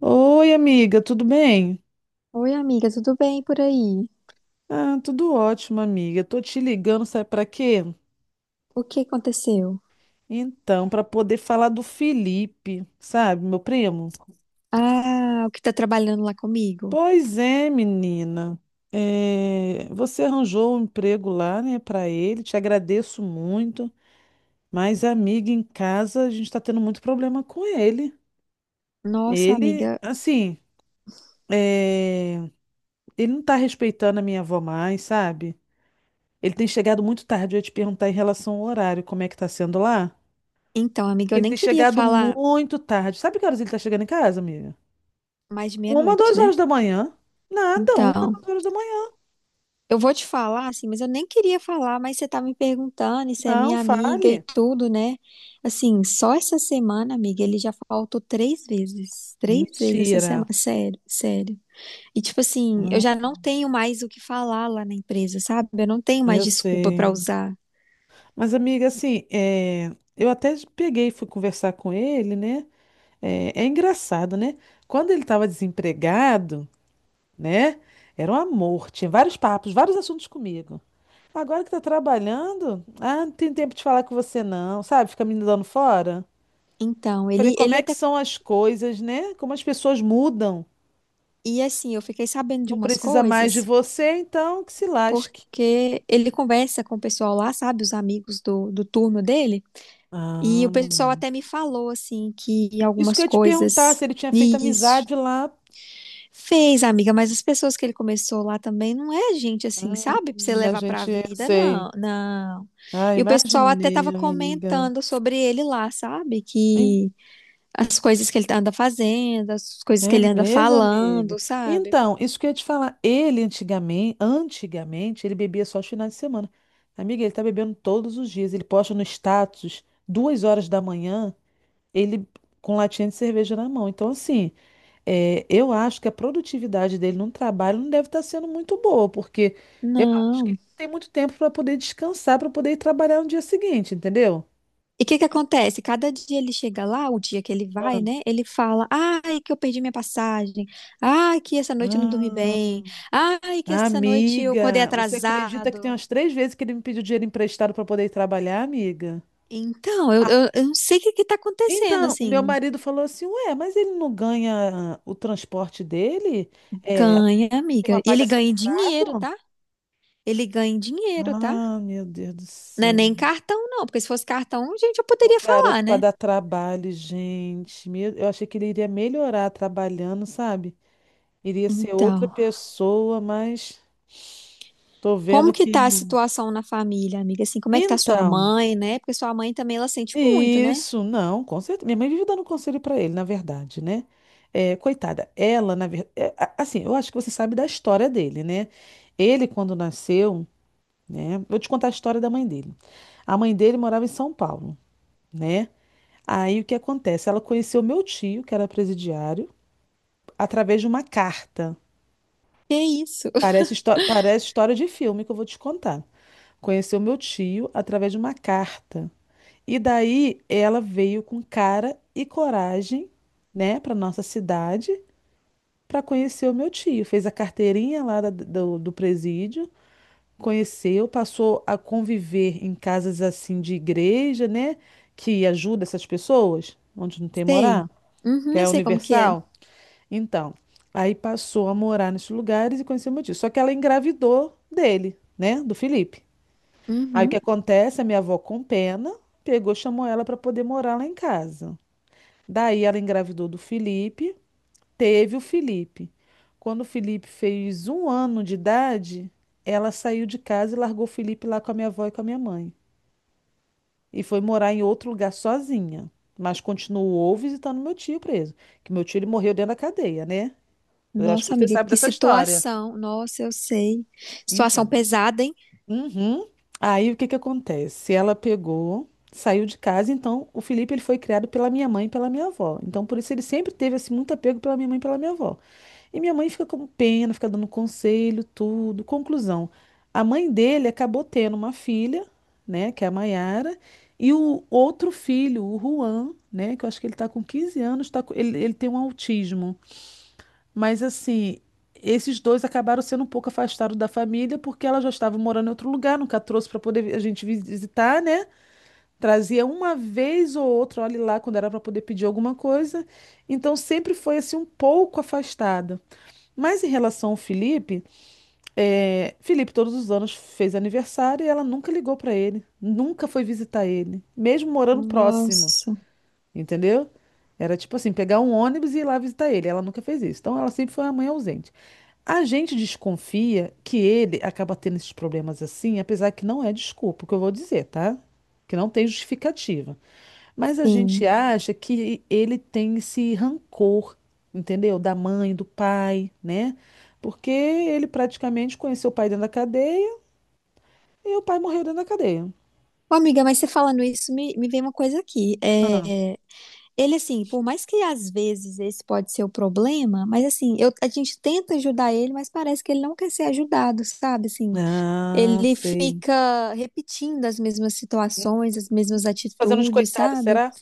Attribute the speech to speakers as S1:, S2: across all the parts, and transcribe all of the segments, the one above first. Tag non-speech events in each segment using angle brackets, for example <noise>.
S1: Oi, amiga, tudo bem?
S2: Oi, amiga, tudo bem por aí?
S1: Ah, tudo ótimo, amiga. Tô te ligando, sabe pra quê?
S2: O que aconteceu?
S1: Então, pra poder falar do Felipe, sabe, meu primo?
S2: Ah, o que tá trabalhando lá comigo?
S1: Pois é, menina. É, você arranjou um emprego lá, né, pra ele. Te agradeço muito. Mas, amiga, em casa a gente tá tendo muito problema com ele.
S2: Nossa,
S1: Ele,
S2: amiga.
S1: assim, é, ele não tá respeitando a minha avó mais, sabe? Ele tem chegado muito tarde. Eu ia te perguntar em relação ao horário, como é que tá sendo lá?
S2: Então, amiga,
S1: Que
S2: eu
S1: ele
S2: nem
S1: tem
S2: queria
S1: chegado
S2: falar
S1: muito tarde. Sabe que horas ele tá chegando em casa, amiga?
S2: mais de
S1: Uma,
S2: meia-noite,
S1: duas
S2: né?
S1: horas da manhã. Nada, uma,
S2: Então,
S1: duas horas da manhã.
S2: eu vou te falar, assim, mas eu nem queria falar, mas você tá me perguntando, e você é
S1: Não,
S2: minha amiga e
S1: fale.
S2: tudo, né? Assim, só essa semana, amiga, ele já faltou três vezes. Três vezes essa
S1: Mentira.
S2: semana. Sério, sério. E, tipo assim, eu
S1: Hum,
S2: já não tenho mais o que falar lá na empresa, sabe? Eu não tenho mais
S1: eu
S2: desculpa pra
S1: sei.
S2: usar.
S1: Mas, amiga, assim, eu até peguei e fui conversar com ele, né? É engraçado, né? Quando ele estava desempregado, né? Era um amor. Tinha vários papos, vários assuntos comigo. Agora que tá trabalhando, ah, não tem tempo de falar com você, não. Sabe? Fica me dando fora.
S2: Então,
S1: Falei,
S2: ele,
S1: como
S2: ele
S1: é que
S2: até
S1: são as coisas, né? Como as pessoas mudam.
S2: E assim, eu fiquei sabendo de
S1: Não
S2: umas
S1: precisa mais de
S2: coisas,
S1: você, então que se lasque.
S2: porque ele conversa com o pessoal lá, sabe, os amigos do turno dele, e o pessoal
S1: Ah,
S2: até me falou, assim, que
S1: isso que
S2: algumas
S1: eu ia te perguntar,
S2: coisas.
S1: se ele tinha feito
S2: Isso.
S1: amizade lá.
S2: Fez, amiga, mas as pessoas que ele começou lá também não é gente assim,
S1: Hum,
S2: sabe, pra você levar pra
S1: eu
S2: vida,
S1: sei.
S2: não, não.
S1: Ah,
S2: E o pessoal até
S1: imaginei,
S2: tava
S1: amiga.
S2: comentando sobre ele lá, sabe,
S1: Em-
S2: que as coisas que ele anda fazendo, as coisas que
S1: É
S2: ele anda
S1: mesmo, amiga.
S2: falando, sabe?
S1: Então, isso que eu ia te falar. Ele antigamente, antigamente, ele bebia só os finais de semana. Amiga, ele tá bebendo todos os dias. Ele posta no status, 2 horas da manhã. Ele com latinha de cerveja na mão. Então, assim, eu acho que a produtividade dele no trabalho não deve estar sendo muito boa, porque eu acho que
S2: Não.
S1: ele tem muito tempo para poder descansar, para poder ir trabalhar no dia seguinte, entendeu?
S2: E o que que acontece? Cada dia ele chega lá, o dia que ele vai, né? Ele fala: "Ai, que eu perdi minha passagem. Ai, que essa noite eu não dormi
S1: Ah,
S2: bem. Ai, que essa noite eu acordei
S1: amiga, você acredita que tem
S2: atrasado."
S1: umas três vezes que ele me pediu dinheiro emprestado para poder ir trabalhar, amiga?
S2: Então, eu não sei o que que tá acontecendo,
S1: Então, o meu
S2: assim.
S1: marido falou assim: Ué, mas ele não ganha o transporte dele? É,
S2: Ganha, amiga.
S1: uma
S2: E
S1: paga
S2: ele ganha em dinheiro,
S1: separado?
S2: tá? Ele ganha em dinheiro, tá?
S1: Ah, meu Deus do
S2: Não é
S1: céu.
S2: nem cartão, não, porque se fosse cartão, gente, eu
S1: O
S2: poderia falar,
S1: garoto para
S2: né?
S1: dar trabalho, gente. Eu achei que ele iria melhorar trabalhando, sabe? Iria ser outra
S2: Então,
S1: pessoa, mas tô vendo
S2: como que tá a
S1: que.
S2: situação na família, amiga? Assim, como é que tá sua
S1: Então,
S2: mãe, né? Porque sua mãe também, ela sente muito, né?
S1: isso, não, com certeza. Minha mãe vive dando conselho para ele, na verdade, né? É, coitada, ela, na verdade. Assim, eu acho que você sabe da história dele, né? Ele, quando nasceu, né? Vou te contar a história da mãe dele. A mãe dele morava em São Paulo, né? Aí o que acontece? Ela conheceu meu tio, que era presidiário, através de uma carta.
S2: Que isso?
S1: Parece história de filme que eu vou te contar. Conheceu meu tio através de uma carta. E daí ela veio com cara e coragem, né, para nossa cidade, para conhecer o meu tio. Fez a carteirinha lá do presídio, conheceu, passou a conviver em casas assim de igreja, né, que ajuda essas pessoas, onde não tem
S2: Sei.
S1: morar, que
S2: Uhum, eu
S1: é
S2: sei como que é.
S1: universal. Então, aí passou a morar nesses lugares e conheceu meu tio. Só que ela engravidou dele, né? Do Felipe. Aí o que
S2: Uhum.
S1: acontece? A minha avó, com pena, pegou, chamou ela para poder morar lá em casa. Daí ela engravidou do Felipe, teve o Felipe. Quando o Felipe fez 1 ano de idade, ela saiu de casa e largou o Felipe lá com a minha avó e com a minha mãe. E foi morar em outro lugar sozinha. Mas continuou visitando meu tio preso. Que meu tio ele morreu dentro da cadeia, né? Eu acho que
S2: Nossa,
S1: você
S2: amiga,
S1: sabe
S2: que
S1: dessa história.
S2: situação. Nossa, eu sei. Situação
S1: Então.
S2: pesada, hein?
S1: Uhum. Aí o que que acontece? Ela pegou, saiu de casa, então o Felipe ele foi criado pela minha mãe e pela minha avó. Então por isso ele sempre teve assim muito apego pela minha mãe e pela minha avó. E minha mãe fica com pena, fica dando conselho, tudo. Conclusão, a mãe dele acabou tendo uma filha, né, que é a Maiara, e o outro filho, o Juan, né, que eu acho que ele tá com 15 anos, ele tem um autismo. Mas assim, esses dois acabaram sendo um pouco afastados da família, porque ela já estava morando em outro lugar, nunca trouxe para poder visitar, né? Trazia uma vez ou outra, olha lá, quando era para poder pedir alguma coisa. Então sempre foi assim um pouco afastada. Mas em relação ao Felipe, é, Felipe todos os anos fez aniversário e ela nunca ligou para ele, nunca foi visitar ele, mesmo morando próximo,
S2: Nossa,
S1: entendeu? Era tipo assim, pegar um ônibus e ir lá visitar ele. Ela nunca fez isso. Então ela sempre foi uma mãe ausente. A gente desconfia que ele acaba tendo esses problemas assim, apesar que não é desculpa, o que eu vou dizer, tá? Que não tem justificativa. Mas a
S2: sim.
S1: gente acha que ele tem esse rancor, entendeu? Da mãe, do pai, né? Porque ele praticamente conheceu o pai dentro da cadeia e o pai morreu dentro da cadeia.
S2: Ô, amiga, mas você falando isso, me vem uma coisa aqui.
S1: Ah,
S2: É, ele, assim, por mais que às vezes esse pode ser o problema, mas assim, eu, a gente tenta ajudar ele, mas parece que ele não quer ser ajudado, sabe? Assim,
S1: Ah,
S2: ele
S1: sei.
S2: fica repetindo as mesmas situações, as mesmas
S1: Se fazendo de
S2: atitudes,
S1: coitado,
S2: sabe?
S1: será?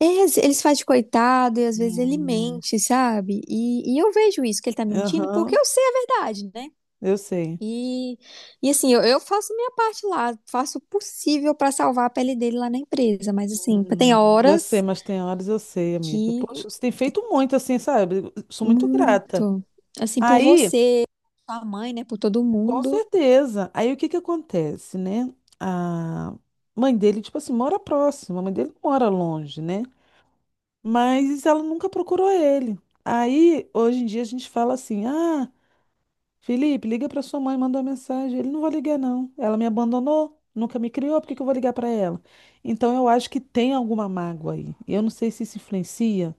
S2: É, às- eles fazem de coitado e às vezes ele
S1: Hum,
S2: mente, sabe? E eu vejo isso, que ele tá mentindo, porque
S1: aham,
S2: eu sei a verdade, né?
S1: eu sei.
S2: E, e assim, eu faço minha parte lá, faço o possível pra salvar a pele dele lá na empresa, mas assim, tem
S1: Eu sei,
S2: horas
S1: mas tem horas eu sei, amiga.
S2: que
S1: Poxa, você tem feito muito assim, sabe? Eu sou muito grata.
S2: muito, assim, por
S1: Aí,
S2: você, sua mãe, né, por todo
S1: com
S2: mundo,
S1: certeza. Aí o que que acontece, né? A mãe dele, tipo assim, mora próxima. A mãe dele não mora longe, né? Mas ela nunca procurou ele. Aí, hoje em dia, a gente fala assim: Ah, Felipe, liga pra sua mãe, manda uma mensagem. Ele não vai ligar, não. Ela me abandonou, nunca me criou, por que que eu vou ligar pra ela? Então, eu acho que tem alguma mágoa aí. Eu não sei se isso influencia.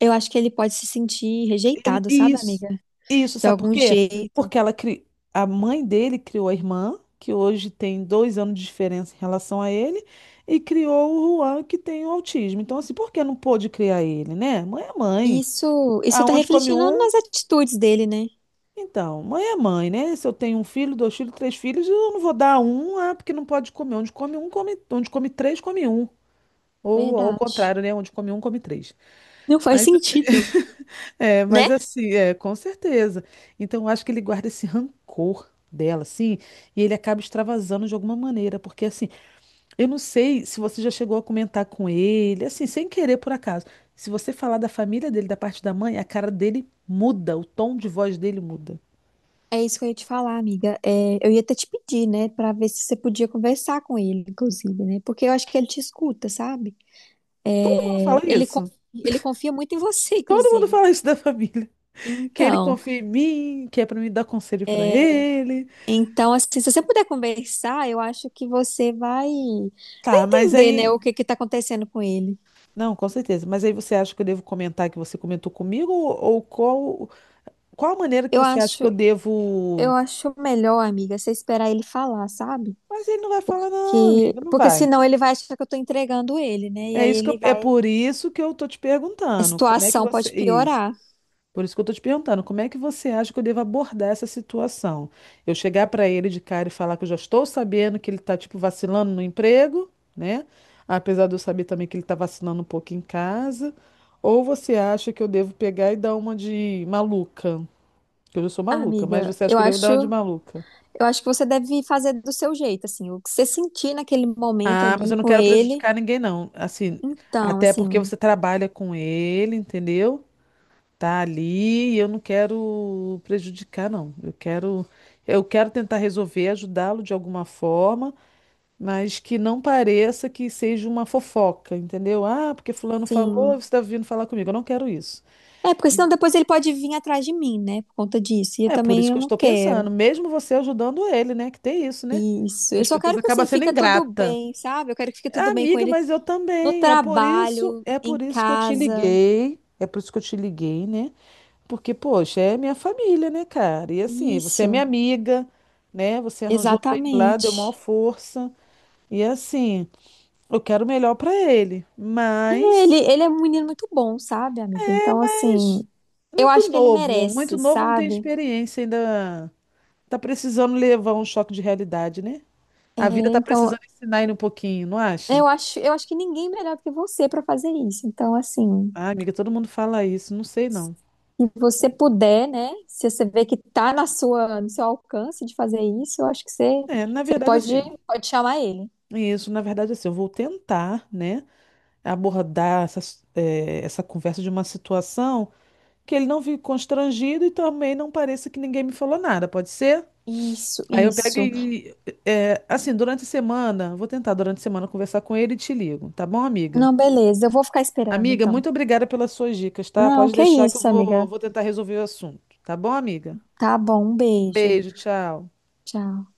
S2: eu acho que ele pode se sentir rejeitado, sabe,
S1: Isso,
S2: amiga?
S1: isso,
S2: De
S1: sabe por
S2: algum
S1: quê?
S2: jeito.
S1: Porque a mãe dele criou a irmã, que hoje tem 2 anos de diferença em relação a ele, e criou o Juan, que tem o autismo. Então, assim, por que não pôde criar ele, né? Mãe é mãe.
S2: Isso tá
S1: Aonde come
S2: refletindo
S1: um?
S2: nas atitudes dele, né?
S1: Então, mãe é mãe, né? Se eu tenho um filho, dois filhos, três filhos, eu não vou dar um, ah, porque não pode comer. Onde come um, come. Onde come três, come um. Ou ao
S2: Verdade.
S1: contrário, né? Onde come um, come três.
S2: Não faz
S1: Mas.
S2: sentido.
S1: <laughs> É,
S2: Né?
S1: mas assim, é, com certeza. Então, eu acho que ele guarda esse rancor dela, assim, e ele acaba extravasando de alguma maneira, porque assim, eu não sei se você já chegou a comentar com ele, assim, sem querer por acaso. Se você falar da família dele, da parte da mãe, a cara dele muda, o tom de voz dele muda.
S2: É isso que eu ia te falar, amiga. É, eu ia até te pedir, né, pra ver se você podia conversar com ele, inclusive, né? Porque eu acho que ele te escuta, sabe?
S1: Todo mundo fala
S2: É, ele, con-
S1: isso.
S2: ele confia muito em você, <laughs>
S1: Todo mundo
S2: inclusive.
S1: fala isso da família, que ele
S2: Então,
S1: confia em mim, que é pra mim dar conselho pra ele.
S2: então assim, se você puder conversar, eu acho que você vai
S1: Tá, mas
S2: entender, né, o
S1: aí,
S2: que que tá acontecendo com ele.
S1: não, com certeza. Mas aí você acha que eu devo comentar que você comentou comigo ou qual a maneira que
S2: Eu
S1: você acha
S2: acho,
S1: que eu
S2: eu
S1: devo?
S2: acho melhor, amiga, você esperar ele falar, sabe?
S1: Mas ele não vai falar, não,
S2: Que,
S1: amiga, não
S2: porque
S1: vai.
S2: senão ele vai achar que eu tô entregando ele, né? E
S1: É
S2: aí
S1: isso que eu-
S2: ele
S1: é
S2: vai,
S1: por isso que eu tô te
S2: a
S1: perguntando. Como é que
S2: situação
S1: você.
S2: pode
S1: Isso.
S2: piorar.
S1: Por isso que eu tô te perguntando, como é que você acha que eu devo abordar essa situação? Eu chegar para ele de cara e falar que eu já estou sabendo que ele tá, tipo, vacilando no emprego, né? Apesar de eu saber também que ele tá vacilando um pouco em casa. Ou você acha que eu devo pegar e dar uma de maluca? Que eu já sou
S2: Ah,
S1: maluca, mas
S2: Amiga,
S1: você acha
S2: eu
S1: que eu devo dar
S2: acho,
S1: uma de
S2: eu
S1: maluca?
S2: acho que você deve fazer do seu jeito, assim, o que você sentir naquele momento
S1: Ah, mas
S2: ali
S1: eu não
S2: com
S1: quero
S2: ele.
S1: prejudicar ninguém, não. Assim,
S2: Então,
S1: até porque
S2: assim,
S1: você trabalha com ele, entendeu? Tá ali, e eu não quero prejudicar, não. Eu quero tentar resolver, ajudá-lo de alguma forma, mas que não pareça que seja uma fofoca, entendeu? Ah, porque fulano falou, você
S2: sim.
S1: está vindo falar comigo. Eu não quero isso.
S2: É, porque senão depois ele pode vir atrás de mim, né, por conta disso. E eu
S1: É por isso
S2: também eu
S1: que eu
S2: não
S1: estou
S2: quero.
S1: pensando, mesmo você ajudando ele, né? Que tem isso, né?
S2: Isso.
S1: Que
S2: Eu
S1: as
S2: só
S1: pessoas
S2: quero que
S1: acabam
S2: assim
S1: sendo
S2: fica tudo
S1: ingrata.
S2: bem, sabe? Eu quero que fique tudo bem com
S1: Amiga,
S2: ele
S1: mas eu
S2: no
S1: também. É por isso,
S2: trabalho,
S1: é
S2: em
S1: por isso que eu te
S2: casa.
S1: liguei. É por isso que eu te liguei, né? Porque, poxa, é minha família, né, cara? E assim, você é minha
S2: Isso.
S1: amiga, né? Você arranjou pra ele lá, deu maior
S2: Exatamente.
S1: força. E assim, eu quero o melhor pra ele.
S2: Ele,
S1: Mas,
S2: ele é um menino muito bom, sabe, amiga? Então,
S1: mas
S2: assim, eu acho que ele
S1: muito
S2: merece,
S1: novo, não tem
S2: sabe?
S1: experiência ainda. Tá precisando levar um choque de realidade, né?
S2: É,
S1: A vida tá
S2: então,
S1: precisando ensinar ele um pouquinho, não acha?
S2: Eu acho que ninguém é melhor do que você para fazer isso. Então, assim,
S1: Ah, amiga, todo mundo fala isso, não sei não.
S2: se você puder, né? Se você vê que tá na sua, no seu alcance de fazer isso, eu acho que você,
S1: É, na
S2: você
S1: verdade,
S2: pode,
S1: assim.
S2: pode chamar ele.
S1: Isso, na verdade, assim, eu vou tentar, né, abordar essa conversa de uma situação que ele não fique constrangido e também não pareça que ninguém me falou nada, pode ser?
S2: Isso,
S1: Aí eu pego
S2: isso.
S1: e, assim, durante a semana, vou tentar durante a semana conversar com ele e te ligo, tá bom, amiga?
S2: Não, beleza, eu vou ficar esperando
S1: Amiga,
S2: então.
S1: muito obrigada pelas suas dicas, tá?
S2: Não,
S1: Pode
S2: que
S1: deixar que eu
S2: isso,
S1: vou,
S2: amiga.
S1: vou tentar resolver o assunto, tá bom, amiga?
S2: Tá bom, um beijo.
S1: Beijo, tchau.
S2: Tchau.